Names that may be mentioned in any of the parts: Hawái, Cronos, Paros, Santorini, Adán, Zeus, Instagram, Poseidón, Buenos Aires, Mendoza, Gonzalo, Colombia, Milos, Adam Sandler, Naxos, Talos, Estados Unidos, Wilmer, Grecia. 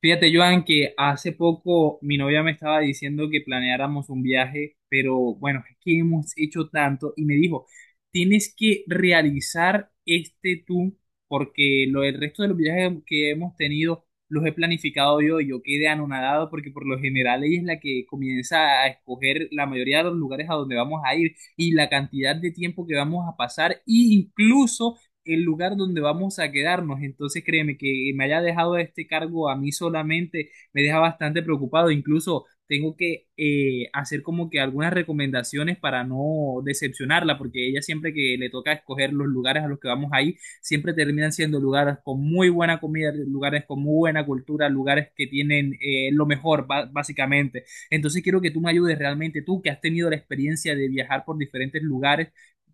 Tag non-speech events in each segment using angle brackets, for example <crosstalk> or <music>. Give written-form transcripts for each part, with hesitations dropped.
Fíjate, Joan, que hace poco mi novia me estaba diciendo que planeáramos un viaje, pero bueno, es que hemos hecho tanto y me dijo, tienes que realizar este tú, porque lo, el resto de los viajes que hemos tenido los he planificado yo y yo quedé anonadado porque por lo general ella es la que comienza a escoger la mayoría de los lugares a donde vamos a ir y la cantidad de tiempo que vamos a pasar e incluso el lugar donde vamos a quedarnos. Entonces, créeme que me haya dejado este cargo a mí solamente me deja bastante preocupado. Incluso tengo que hacer como que algunas recomendaciones para no decepcionarla, porque ella siempre que le toca escoger los lugares a los que vamos ahí, siempre terminan siendo lugares con muy buena comida, lugares con muy buena cultura, lugares que tienen lo mejor, básicamente. Entonces, quiero que tú me ayudes realmente, tú que has tenido la experiencia de viajar por diferentes lugares,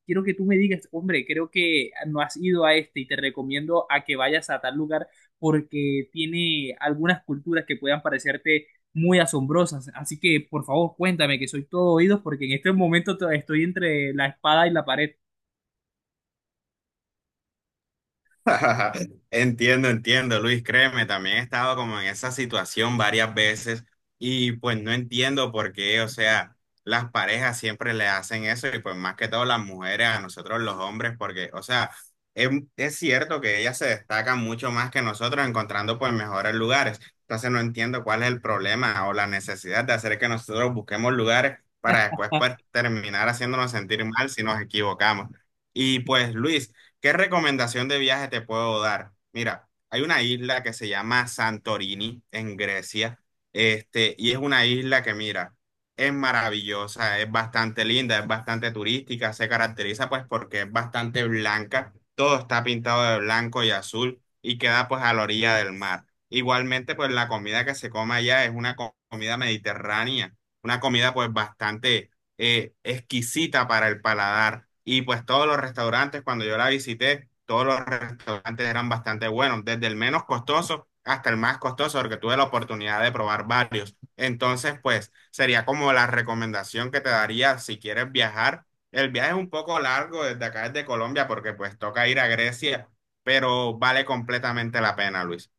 quiero que tú me digas, hombre, creo que no has ido a este y te recomiendo a que vayas a tal lugar porque tiene algunas culturas que puedan parecerte muy asombrosas. Así que, por favor, cuéntame que soy todo oídos porque en este momento estoy entre la espada y la pared. <laughs> Entiendo, entiendo, Luis, créeme, también he estado como en esa situación varias veces y pues no entiendo por qué, o sea, las parejas siempre le hacen eso y pues más que todo las mujeres a nosotros los hombres, porque, o sea, es, es cierto que ellas se destacan mucho más que nosotros encontrando pues mejores lugares. Entonces no entiendo cuál es el problema o la necesidad de hacer que nosotros busquemos lugares para después pues terminar haciéndonos sentir mal si nos equivocamos. Y pues, Luis, ¿qué recomendación de viaje te puedo dar? Mira, hay una isla que se llama Santorini en Grecia, este, y es una isla que, mira, es maravillosa, es bastante linda, es bastante turística, se caracteriza pues porque es bastante blanca, todo está pintado de blanco y azul y queda pues a la orilla del mar. Igualmente, pues la comida que se come allá es una comida mediterránea, una comida pues bastante exquisita para el paladar. Y pues todos los restaurantes, cuando yo la visité, todos los restaurantes eran bastante buenos, desde el menos costoso hasta el más costoso, porque tuve la oportunidad de probar varios. Entonces, pues sería como la recomendación que te daría si quieres viajar. El viaje es un poco largo desde acá, desde Colombia, porque pues toca ir a Grecia, pero vale completamente la pena, Luis.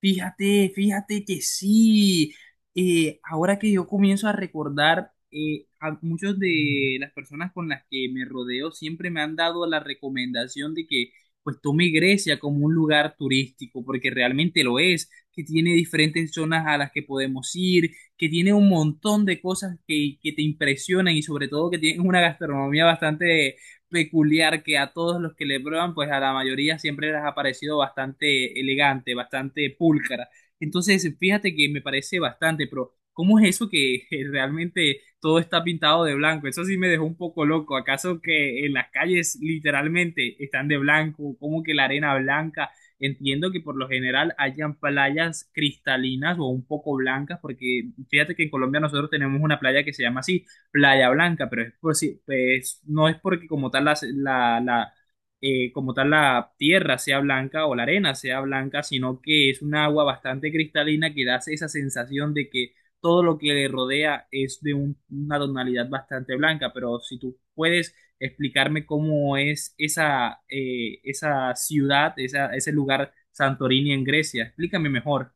Fíjate, fíjate que sí. Ahora que yo comienzo a recordar, a muchas de las personas con las que me rodeo siempre me han dado la recomendación de que pues tome Grecia como un lugar turístico, porque realmente lo es, que tiene diferentes zonas a las que podemos ir, que tiene un montón de cosas que te impresionan y sobre todo que tiene una gastronomía bastante peculiar que a todos los que le prueban, pues a la mayoría siempre les ha parecido bastante elegante, bastante pulcra. Entonces, fíjate que me parece bastante, pero ¿cómo es eso que <laughs> realmente todo está pintado de blanco? Eso sí me dejó un poco loco. ¿Acaso que en las calles literalmente están de blanco? ¿Cómo que la arena blanca? Entiendo que por lo general hayan playas cristalinas o un poco blancas, porque fíjate que en Colombia nosotros tenemos una playa que se llama así Playa Blanca, pero es por si- pues, no es porque como tal como tal la tierra sea blanca o la arena sea blanca, sino que es un agua bastante cristalina que da esa sensación de que todo lo que le rodea es de una tonalidad bastante blanca, pero si tú puedes explicarme cómo es esa, esa ciudad, ese lugar Santorini en Grecia, explícame mejor.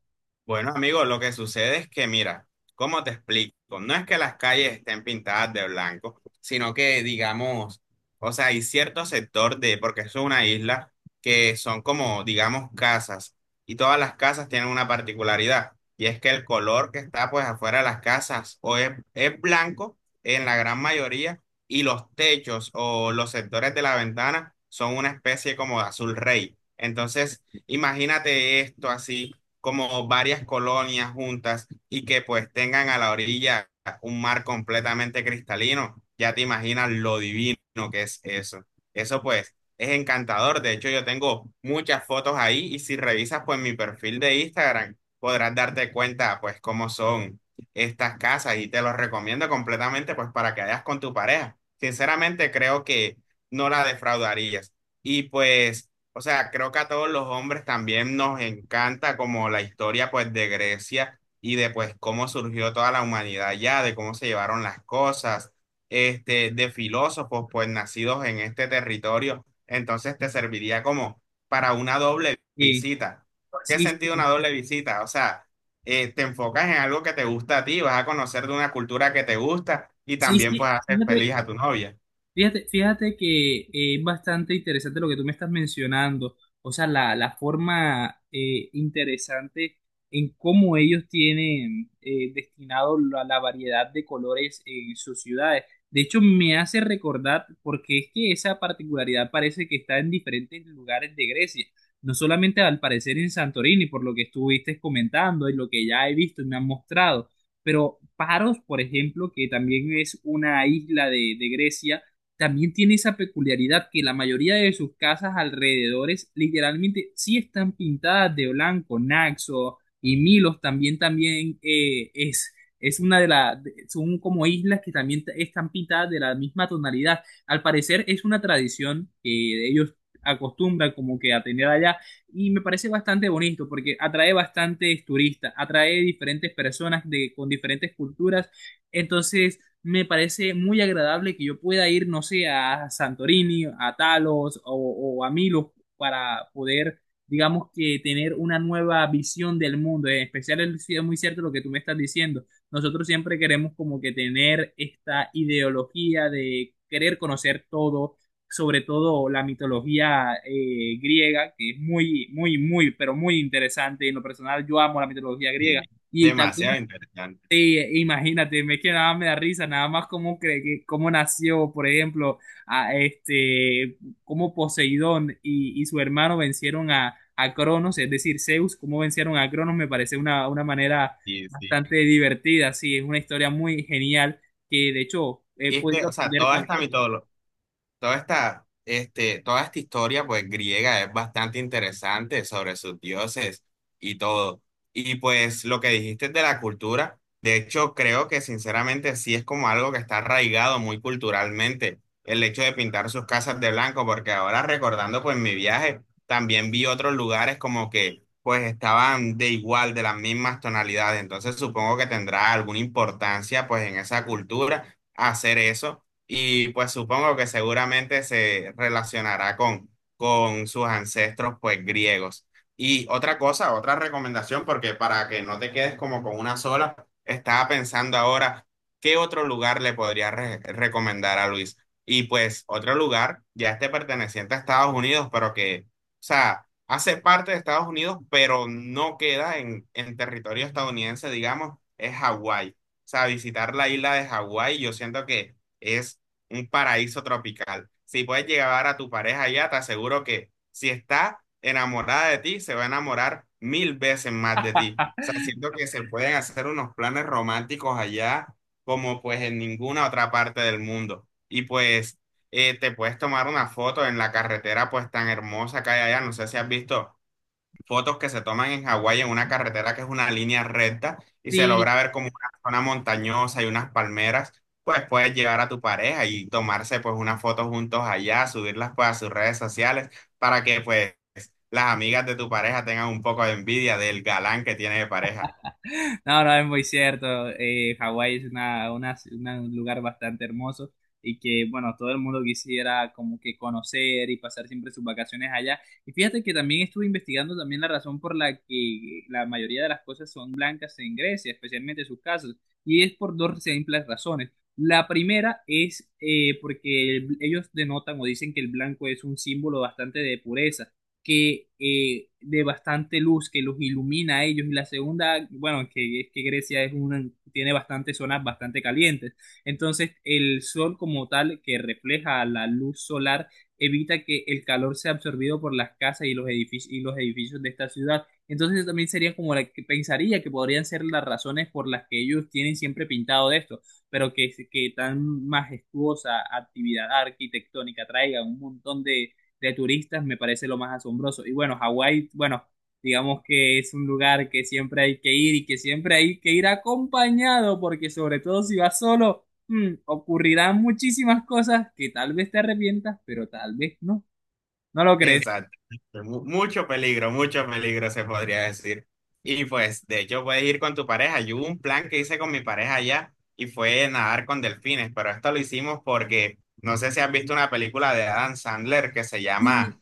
Bueno, amigo, lo que sucede es que, mira, ¿cómo te explico? No es que las calles estén pintadas de blanco, sino que, digamos, o sea, hay cierto sector de, porque eso es una isla, que son como, digamos, casas, y todas las casas tienen una particularidad, y es que el color que está pues afuera de las casas o es blanco en la gran mayoría, y los techos o los sectores de la ventana son una especie como de azul rey. Entonces, imagínate esto así como varias colonias juntas y que pues tengan a la orilla un mar completamente cristalino, ya te imaginas lo divino que es eso. Eso pues es encantador. De hecho, yo tengo muchas fotos ahí y si revisas pues mi perfil de Instagram podrás darte cuenta pues cómo son estas casas y te los recomiendo completamente pues para que vayas con tu pareja. Sinceramente creo que no la defraudarías. Y pues... O sea, creo que a todos los hombres también nos encanta como la historia pues de Grecia y de pues cómo surgió toda la humanidad ya, de cómo se llevaron las cosas, este, de filósofos pues nacidos en este territorio. Entonces te serviría como para una doble Eh, visita. ¿Por ¿Qué sí, sentido sí, una doble visita? O sea, te enfocas en algo que te gusta a ti, vas a conocer de una cultura que te gusta y sí, también sí, pues haces fíjate, feliz a tu novia. fíjate que es bastante interesante lo que tú me estás mencionando, o sea, la forma interesante en cómo ellos tienen destinado la variedad de colores en sus ciudades. De hecho, me hace recordar, porque es que esa particularidad parece que está en diferentes lugares de Grecia, no solamente al parecer en Santorini, por lo que estuviste comentando y lo que ya he visto y me han mostrado, pero Paros, por ejemplo, que también es una isla de Grecia, también tiene esa peculiaridad que la mayoría de sus casas alrededores literalmente sí están pintadas de blanco. Naxos y Milos también, también es una de las, son como islas que están pintadas de la misma tonalidad. Al parecer es una tradición que ellos acostumbran como que a tener allá y me parece bastante bonito porque atrae bastantes turistas, atrae diferentes personas de, con diferentes culturas. Entonces me parece muy agradable que yo pueda ir, no sé, a Santorini, a Talos o a Milos para poder, digamos que tener una nueva visión del mundo. En especial es muy cierto lo que tú me estás diciendo. Nosotros siempre queremos como que tener esta ideología de querer conocer todo, sobre todo la mitología griega, que es muy, muy, muy, pero muy interesante. En lo personal, yo amo la mitología griega. Y Y tal vez demasiado interesante. sí, imagínate, es que nada me da risa, nada más cómo, cómo nació, por ejemplo, a este, cómo Poseidón y su hermano vencieron a Cronos, es decir, Zeus, cómo vencieron a Cronos, me parece una manera Sí, sí. bastante divertida, sí, es una historia muy genial que de hecho he Y es que, podido o sea, aprender toda con esta mitología, toda esta, este, toda esta historia, pues, griega es bastante interesante sobre sus dioses y todo. Y pues, lo que dijiste de la cultura, de hecho, creo que sinceramente sí es como algo que está arraigado muy culturalmente, el hecho de pintar sus casas de blanco, porque ahora recordando, pues, mi viaje, también vi otros lugares como que, pues, estaban de igual, de las mismas tonalidades. Entonces, supongo que tendrá alguna importancia, pues, en esa cultura hacer eso y pues supongo que seguramente se relacionará con sus ancestros pues griegos. Y otra cosa, otra recomendación, porque para que no te quedes como con una sola, estaba pensando ahora qué otro lugar le podría recomendar a Luis. Y pues otro lugar, ya este perteneciente a Estados Unidos, pero que, o sea, hace parte de Estados Unidos, pero no queda en territorio estadounidense, digamos, es Hawái. O sea, visitar la isla de Hawái, yo siento que... Es un paraíso tropical. Si puedes llevar a tu pareja allá, te aseguro que si está enamorada de ti, se va a enamorar mil veces más de ti. O sea, <laughs> siento que se pueden hacer unos planes románticos allá como pues en ninguna otra parte del mundo. Y pues te puedes tomar una foto en la carretera pues tan hermosa que hay allá. No sé si has visto fotos que se toman en Hawái en una carretera que es una línea recta y se Sí. logra ver como una zona montañosa y unas palmeras, pues puedes llevar a tu pareja y tomarse pues una foto juntos allá, subirlas pues a sus redes sociales para que pues las amigas de tu pareja tengan un poco de envidia del galán que tiene de pareja. <laughs> No, no, es muy cierto. Hawái es un lugar bastante hermoso y que, bueno, todo el mundo quisiera como que conocer y pasar siempre sus vacaciones allá. Y fíjate que también estuve investigando también la razón por la que la mayoría de las cosas son blancas en Grecia, especialmente sus casas, y es por dos simples razones. La primera es ellos denotan o dicen que el blanco es un símbolo bastante de pureza que de bastante luz que los ilumina a ellos y la segunda, bueno, que es que Grecia es una, tiene bastantes zonas bastante calientes. Entonces, el sol como tal que refleja la luz solar evita que el calor sea absorbido por las casas y los edificios de esta ciudad. Entonces, eso también sería como la que pensaría que podrían ser las razones por las que ellos tienen siempre pintado de esto, pero que tan majestuosa actividad arquitectónica traiga un montón de turistas me parece lo más asombroso. Y bueno, Hawái, bueno, digamos que es un lugar que siempre hay que ir y que siempre hay que ir acompañado, porque sobre todo si vas solo, ocurrirán muchísimas cosas que tal vez te arrepientas, pero tal vez no. ¿No lo crees? Exacto. Mucho peligro se podría decir. Y pues, de hecho, puedes ir con tu pareja. Yo hubo un plan que hice con mi pareja allá y fue nadar con delfines, pero esto lo hicimos porque no sé si has visto una película de Adam Sandler que se llama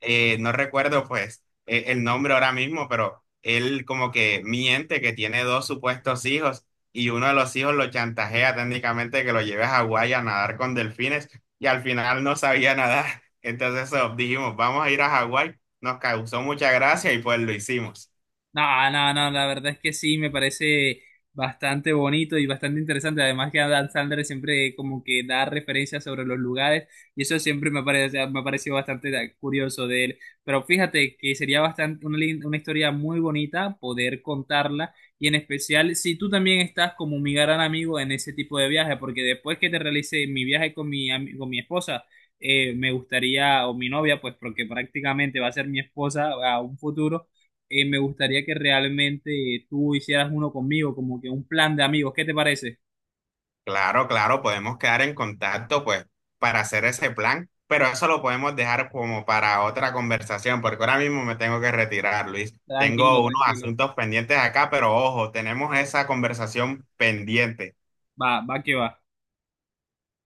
no recuerdo pues el nombre ahora mismo, pero él como que miente que tiene dos supuestos hijos y uno de los hijos lo chantajea técnicamente que lo lleve a Hawái a nadar con delfines y al final no sabía nadar. Entonces eso, dijimos, vamos a ir a Hawái, nos causó mucha gracia y pues lo hicimos. No, no, no, la verdad es que sí, me parece bastante bonito y bastante interesante. Además que Adam Sandler siempre como que da referencias sobre los lugares y eso siempre me parece, me ha parecido bastante curioso de él. Pero fíjate que sería bastante una, una historia muy bonita poder contarla y en especial si tú también estás como mi gran amigo en ese tipo de viaje, porque después que te realice mi viaje con con mi esposa, me gustaría, o mi novia, pues porque prácticamente va a ser mi esposa a un futuro, me gustaría que realmente tú hicieras uno conmigo, como que un plan de amigos. ¿Qué te parece? Claro, claro, podemos quedar en contacto, pues, para hacer ese plan, pero eso lo podemos dejar como para otra conversación, porque ahora mismo me tengo que retirar, Luis. Tranquilo, Tengo unos tranquilo. asuntos pendientes acá, pero ojo, tenemos esa conversación pendiente. Va, va que va.